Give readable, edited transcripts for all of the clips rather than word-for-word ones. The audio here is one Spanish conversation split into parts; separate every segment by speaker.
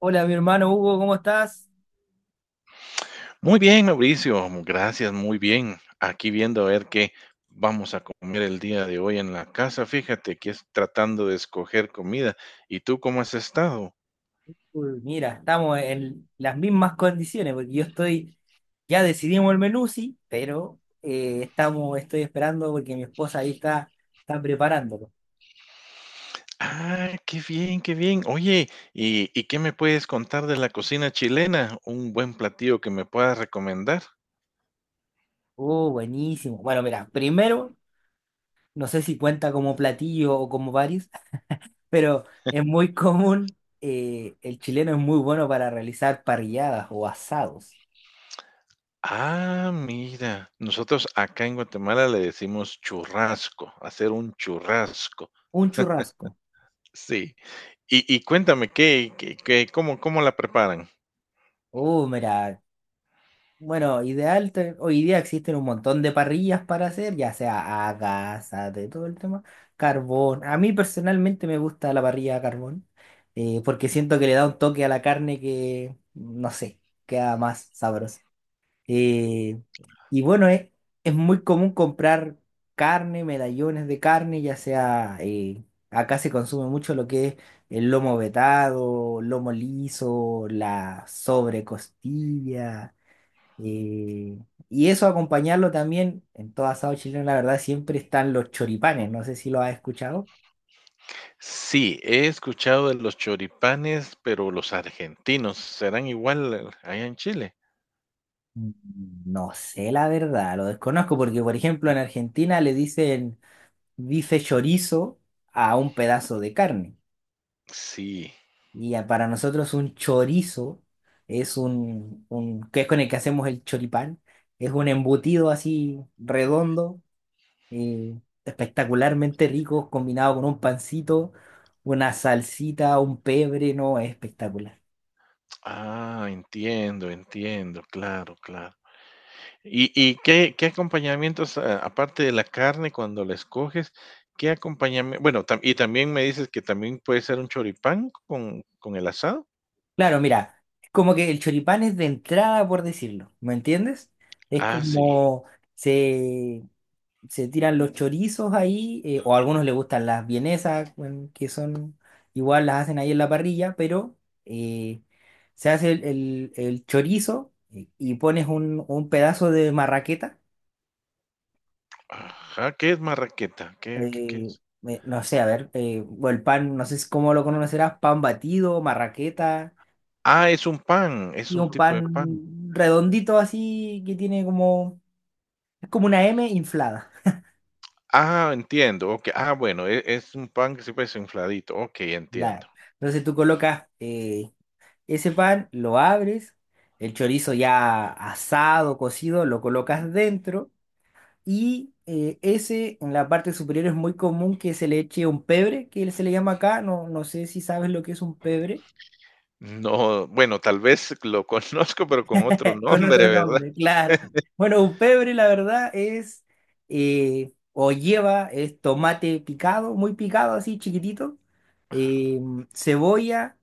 Speaker 1: Hola, mi hermano Hugo, ¿cómo estás?
Speaker 2: Muy bien, Mauricio. Gracias, muy bien. Aquí viendo a ver qué vamos a comer el día de hoy en la casa. Fíjate que es tratando de escoger comida. ¿Y tú cómo has estado?
Speaker 1: Uy, mira, estamos en las mismas condiciones, porque ya decidimos el menú, sí, pero estoy esperando porque mi esposa ahí está preparándolo.
Speaker 2: Ah, qué bien, qué bien. Oye, ¿y qué me puedes contar de la cocina chilena? ¿Un buen platillo que me puedas recomendar?
Speaker 1: Oh, buenísimo. Bueno, mira, primero, no sé si cuenta como platillo o como varios, pero es muy común, el chileno es muy bueno para realizar parrilladas o asados.
Speaker 2: Ah, mira, nosotros acá en Guatemala le decimos churrasco, hacer un churrasco.
Speaker 1: Un churrasco.
Speaker 2: Sí. Y cuéntame, cómo, cómo la preparan?
Speaker 1: Oh, mira. Bueno, ideal, hoy día existen un montón de parrillas para hacer, ya sea a gas, a de todo el tema, carbón. A mí personalmente me gusta la parrilla a carbón, porque siento que le da un toque a la carne que, no sé, queda más sabroso. Eh, y bueno, es, es muy común comprar carne, medallones de carne, ya sea, acá se consume mucho lo que es el lomo vetado, lomo liso, la sobrecostilla. Y, y eso acompañarlo también, en todo asado chileno, la verdad, siempre están los choripanes. No sé si lo has escuchado.
Speaker 2: Sí, he escuchado de los choripanes, pero los argentinos, ¿serán igual allá en Chile?
Speaker 1: Mm, No sé la verdad, lo desconozco porque, por ejemplo, en Argentina le dicen bife chorizo a un pedazo de carne.
Speaker 2: Sí.
Speaker 1: Para nosotros un chorizo es que es con el que hacemos el choripán, es un embutido así redondo y espectacularmente rico combinado con un pancito, una salsita, un pebre, no, es espectacular.
Speaker 2: Ah, entiendo, entiendo, claro, claro. ¿Y qué acompañamientos, a aparte de la carne cuando la escoges, qué acompañamiento? Bueno, también me dices que también puede ser un choripán con el asado?
Speaker 1: Claro, mira, es como que el choripán es de entrada, por decirlo, ¿me entiendes? Es
Speaker 2: Ah, sí.
Speaker 1: como se, se tiran los chorizos ahí, o a algunos les gustan las vienesas, bueno, que son igual las hacen ahí en la parrilla, pero eh, se hace el chorizo y pones un pedazo de marraqueta.
Speaker 2: Ajá, ¿qué es marraqueta? ¿Qué
Speaker 1: eh,
Speaker 2: es?
Speaker 1: no sé, a ver, o el pan, no sé cómo lo conocerás, pan batido, marraqueta,
Speaker 2: Ah, es un pan, es
Speaker 1: y
Speaker 2: un
Speaker 1: un
Speaker 2: tipo de pan.
Speaker 1: pan redondito así que tiene como, es como una M inflada.
Speaker 2: Ah, entiendo, okey. Ah, bueno, es un pan que se parece infladito. Okey, entiendo.
Speaker 1: La, entonces tú colocas ese pan, lo abres, el chorizo ya asado, cocido, lo colocas dentro y ese en la parte superior es muy común que se le eche un pebre, que se le llama acá, no, no sé si sabes lo que es un pebre.
Speaker 2: No, bueno, tal vez lo conozco, pero con otro
Speaker 1: Con
Speaker 2: nombre,
Speaker 1: otro
Speaker 2: ¿verdad?
Speaker 1: nombre, claro. Bueno, un pebre, la verdad, es o lleva es tomate picado, muy picado, así chiquitito, eh, cebolla,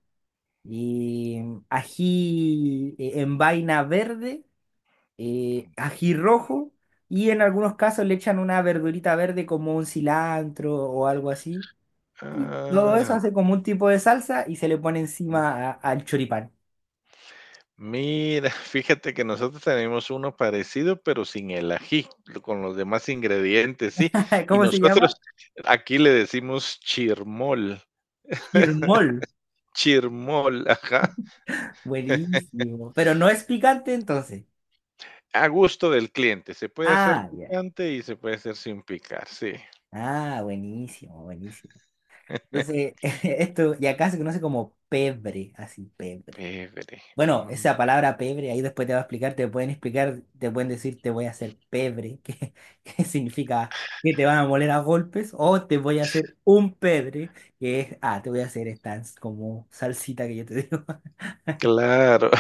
Speaker 1: y ají en vaina verde, ají rojo, y en algunos casos le echan una verdurita verde como un cilantro o algo así. Y todo eso
Speaker 2: Ah.
Speaker 1: hace como un tipo de salsa y se le pone encima al choripán.
Speaker 2: Mira, fíjate que nosotros tenemos uno parecido, pero sin el ají, con los demás ingredientes, sí. Y
Speaker 1: ¿Cómo se llama?
Speaker 2: nosotros aquí le decimos chirmol,
Speaker 1: Chirmol.
Speaker 2: chirmol, ajá,
Speaker 1: Buenísimo. Pero no es picante entonces.
Speaker 2: a gusto del cliente. Se puede hacer
Speaker 1: Ah, ya.
Speaker 2: picante y se puede hacer sin picar, sí.
Speaker 1: Ah, buenísimo, buenísimo. Entonces, esto, y acá se conoce como pebre, así, pebre.
Speaker 2: Pebre.
Speaker 1: Bueno,
Speaker 2: Mm.
Speaker 1: esa palabra pebre, ahí después te va a explicar, te pueden decir te voy a hacer pebre, que, que significa que te van a moler a golpes, o te voy a hacer un pebre, que es, ah, te voy a hacer esta como salsita que yo te digo.
Speaker 2: Claro.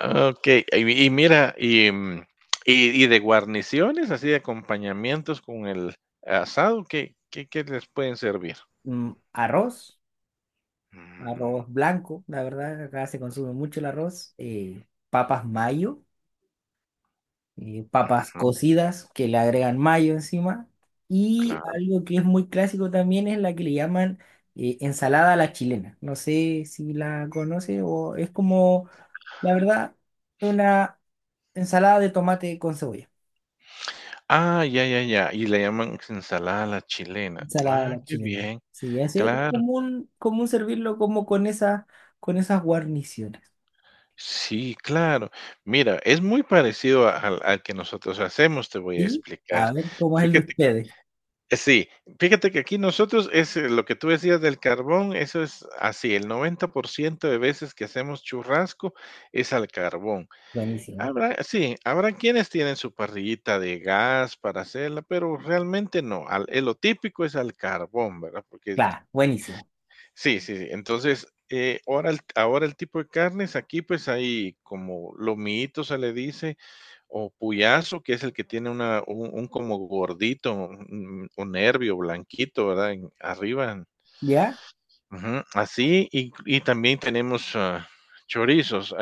Speaker 2: Ok, y mira, y de guarniciones, así de acompañamientos con el asado, ¿qué les pueden servir?
Speaker 1: Mm, arroz.
Speaker 2: Mm.
Speaker 1: Arroz blanco, la verdad, acá se consume mucho el arroz, papas mayo, papas
Speaker 2: Ujú,
Speaker 1: cocidas que le agregan mayo encima, y
Speaker 2: claro.
Speaker 1: algo que es muy clásico también es la que le llaman ensalada a la chilena. No sé si la conoce o es como, la verdad, una ensalada de tomate con cebolla,
Speaker 2: Ah, ya, ya, ya. Y le llaman ensalada a la chilena.
Speaker 1: ensalada a
Speaker 2: Ah,
Speaker 1: la
Speaker 2: qué
Speaker 1: chilena.
Speaker 2: bien.
Speaker 1: Sí, así es
Speaker 2: Claro.
Speaker 1: común, común servirlo como con esas guarniciones.
Speaker 2: Sí, claro. Mira, es muy parecido al, al que nosotros hacemos, te voy a
Speaker 1: ¿Sí? A
Speaker 2: explicar.
Speaker 1: ver cómo es el de
Speaker 2: Fíjate que,
Speaker 1: ustedes.
Speaker 2: sí, fíjate que aquí nosotros es lo que tú decías del carbón, eso es así, el 90% de veces que hacemos churrasco es al carbón.
Speaker 1: Buenísimo.
Speaker 2: Habrá, sí, habrá quienes tienen su parrillita de gas para hacerla, pero realmente no. Lo típico es al carbón, ¿verdad? Porque
Speaker 1: Claro, buenísimo.
Speaker 2: sí, sí, sí. Entonces, ahora el tipo de carnes, aquí pues hay como lomito se le dice, o puyazo, que es el que tiene un como gordito, un nervio blanquito, ¿verdad? Arriba,
Speaker 1: ¿Ya?
Speaker 2: ujú, así, y también tenemos chorizos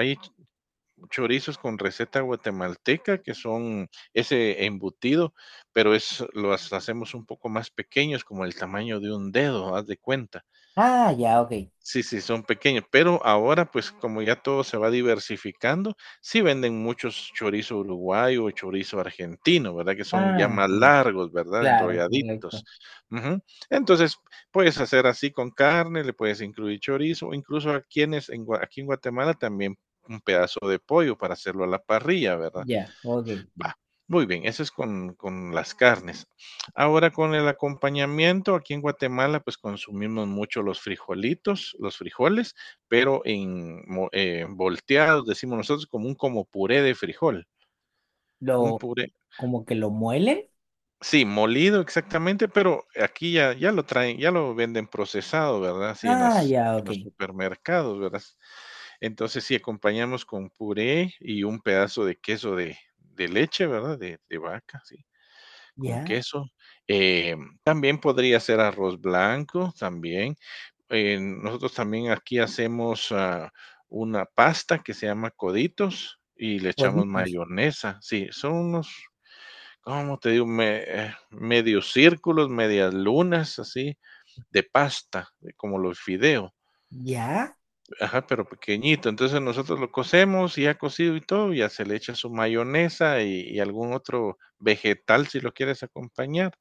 Speaker 2: chorizos con receta guatemalteca, que son ese embutido, pero es, los hacemos un poco más pequeños, como el tamaño de un dedo, haz de cuenta.
Speaker 1: Ah, ya, ok.
Speaker 2: Sí, sí, son pequeños, pero ahora, pues, como ya todo se va diversificando, sí venden muchos chorizo uruguayo o chorizo argentino, ¿verdad? Que son ya
Speaker 1: Ah,
Speaker 2: más
Speaker 1: ya.
Speaker 2: largos, ¿verdad?
Speaker 1: Claro, correcto.
Speaker 2: Enrolladitos. Ujú. Entonces, puedes hacer así con carne, le puedes incluir chorizo, o incluso a quienes en aquí en Guatemala también un pedazo de pollo para hacerlo a la parrilla, ¿verdad?
Speaker 1: Ya, ok.
Speaker 2: Va, muy bien, eso es con las carnes. Ahora con el acompañamiento, aquí en Guatemala, pues consumimos mucho los frijolitos, los frijoles, pero volteados, decimos nosotros, como un como puré de frijol, un
Speaker 1: Lo,
Speaker 2: puré,
Speaker 1: como que lo muelen.
Speaker 2: sí, molido exactamente, pero aquí ya, ya lo traen, ya lo venden procesado, ¿verdad? Así en
Speaker 1: Ah,
Speaker 2: las,
Speaker 1: ya,
Speaker 2: en
Speaker 1: ok.
Speaker 2: los supermercados, ¿verdad? Entonces sí, acompañamos con puré y un pedazo de queso de leche, ¿verdad? De vaca, sí. Con
Speaker 1: Ya,
Speaker 2: queso, em, también podría ser arroz blanco, también, nosotros también aquí hacemos, una pasta que se llama coditos y le echamos
Speaker 1: coditos.
Speaker 2: mayonesa. Sí, son unos, ¿cómo te digo? Me medios círculos, medias lunas, así, de pasta, de como los fideos.
Speaker 1: Ya.
Speaker 2: Ajá, pero pequeñito. Entonces, nosotros lo cocemos, y ya cocido y todo, ya se le echa su mayonesa y algún otro vegetal si lo quieres acompañar.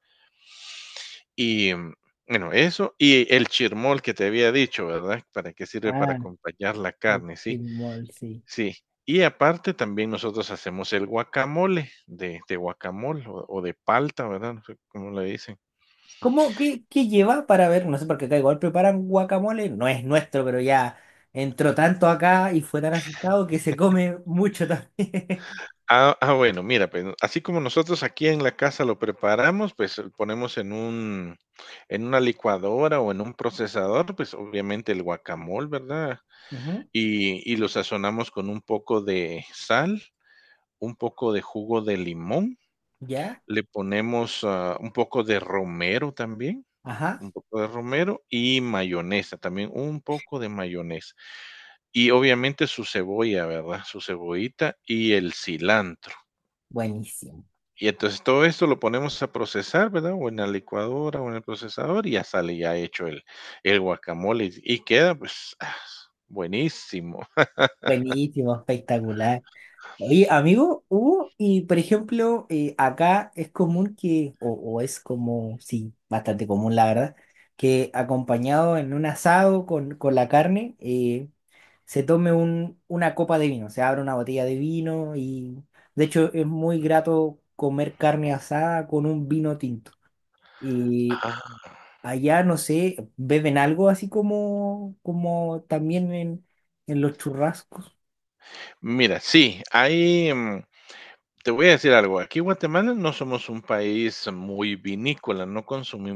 Speaker 2: Y bueno, eso y el chirmol que te había dicho, ¿verdad? ¿Para qué sirve? Para
Speaker 1: Ah,
Speaker 2: acompañar la
Speaker 1: el
Speaker 2: carne, sí,
Speaker 1: chirmol, sí.
Speaker 2: sí. Y aparte también nosotros hacemos el guacamole de guacamole o de palta, ¿verdad? No sé cómo le dicen.
Speaker 1: ¿Cómo, qué, qué lleva para ver? No sé por qué acá igual preparan guacamole. No es nuestro, pero ya entró tanto acá y fue tan asustado que se come mucho también.
Speaker 2: Ah, ah, bueno, mira, pues así como nosotros aquí en la casa lo preparamos, pues lo ponemos en un, en una licuadora o en un procesador, pues obviamente el guacamole, ¿verdad?
Speaker 1: Ujú,
Speaker 2: Y y lo sazonamos con un poco de sal, un poco de jugo de limón.
Speaker 1: ya.
Speaker 2: Le ponemos, ah, un poco de romero también,
Speaker 1: Ajá.
Speaker 2: un poco de romero y mayonesa, también un poco de mayonesa. Y obviamente su cebolla, ¿verdad? Su cebollita y el cilantro.
Speaker 1: Buenísimo.
Speaker 2: Y entonces todo esto lo ponemos a procesar, ¿verdad? O en la licuadora o en el procesador y ya sale ya hecho el guacamole y queda, pues, ah, buenísimo.
Speaker 1: Buenísimo, espectacular. Oye, amigo, hubo, y por ejemplo, acá es común que, o es como, sí, bastante común la verdad, que acompañado en un asado con la carne, se tome una copa de vino, se abre una botella de vino y de hecho es muy grato comer carne asada con un vino tinto. Y
Speaker 2: Ah,
Speaker 1: allá, no sé, beben algo así como, como también en los churrascos.
Speaker 2: mira, sí, hay, mm, te voy a decir algo, aquí en Guatemala no somos un país muy vinícola, no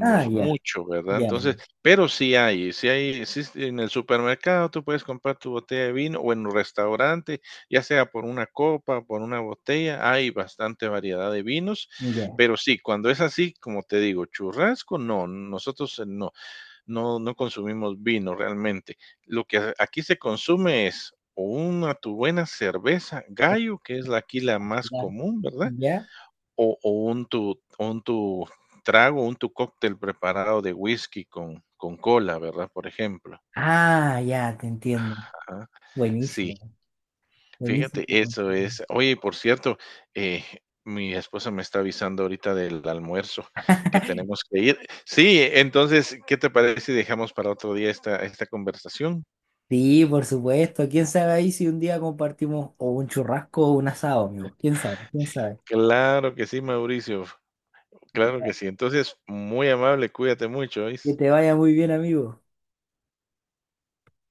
Speaker 1: Ah, ya,
Speaker 2: mucho, ¿verdad?
Speaker 1: ya,
Speaker 2: Entonces, pero sí hay, sí hay, sí s en el supermercado tú puedes comprar tu botella de vino o en un restaurante, ya sea por una copa, por una botella, hay bastante variedad de vinos,
Speaker 1: ya.
Speaker 2: pero sí, cuando es así, como te digo, churrasco, no, nosotros no no consumimos vino realmente. Lo que aquí se consume es o una tu buena cerveza Gallo, que es la aquí la más
Speaker 1: Claro.
Speaker 2: común, ¿verdad?
Speaker 1: ¿Ya?
Speaker 2: O un tu trago, un tu cóctel preparado de whisky con cola, ¿verdad? Por ejemplo.
Speaker 1: Ah, ya, te entiendo.
Speaker 2: Ajá, sí,
Speaker 1: Buenísimo, buenísimo,
Speaker 2: fíjate, eso
Speaker 1: buenísimo.
Speaker 2: es. Oye, por cierto, eh, mi esposa me está avisando ahorita del almuerzo que tenemos que ir. Sí, entonces, ¿qué te parece si dejamos para otro día esta, esta conversación?
Speaker 1: Sí, por supuesto. ¿Quién sabe ahí si un día compartimos o un churrasco o un asado, amigo? ¿Quién sabe? ¿Quién sabe?
Speaker 2: Claro que sí, Mauricio. Claro que
Speaker 1: Ya.
Speaker 2: sí. Entonces, muy amable, cuídate mucho,
Speaker 1: Que
Speaker 2: ¿oís?
Speaker 1: te vaya muy bien, amigo.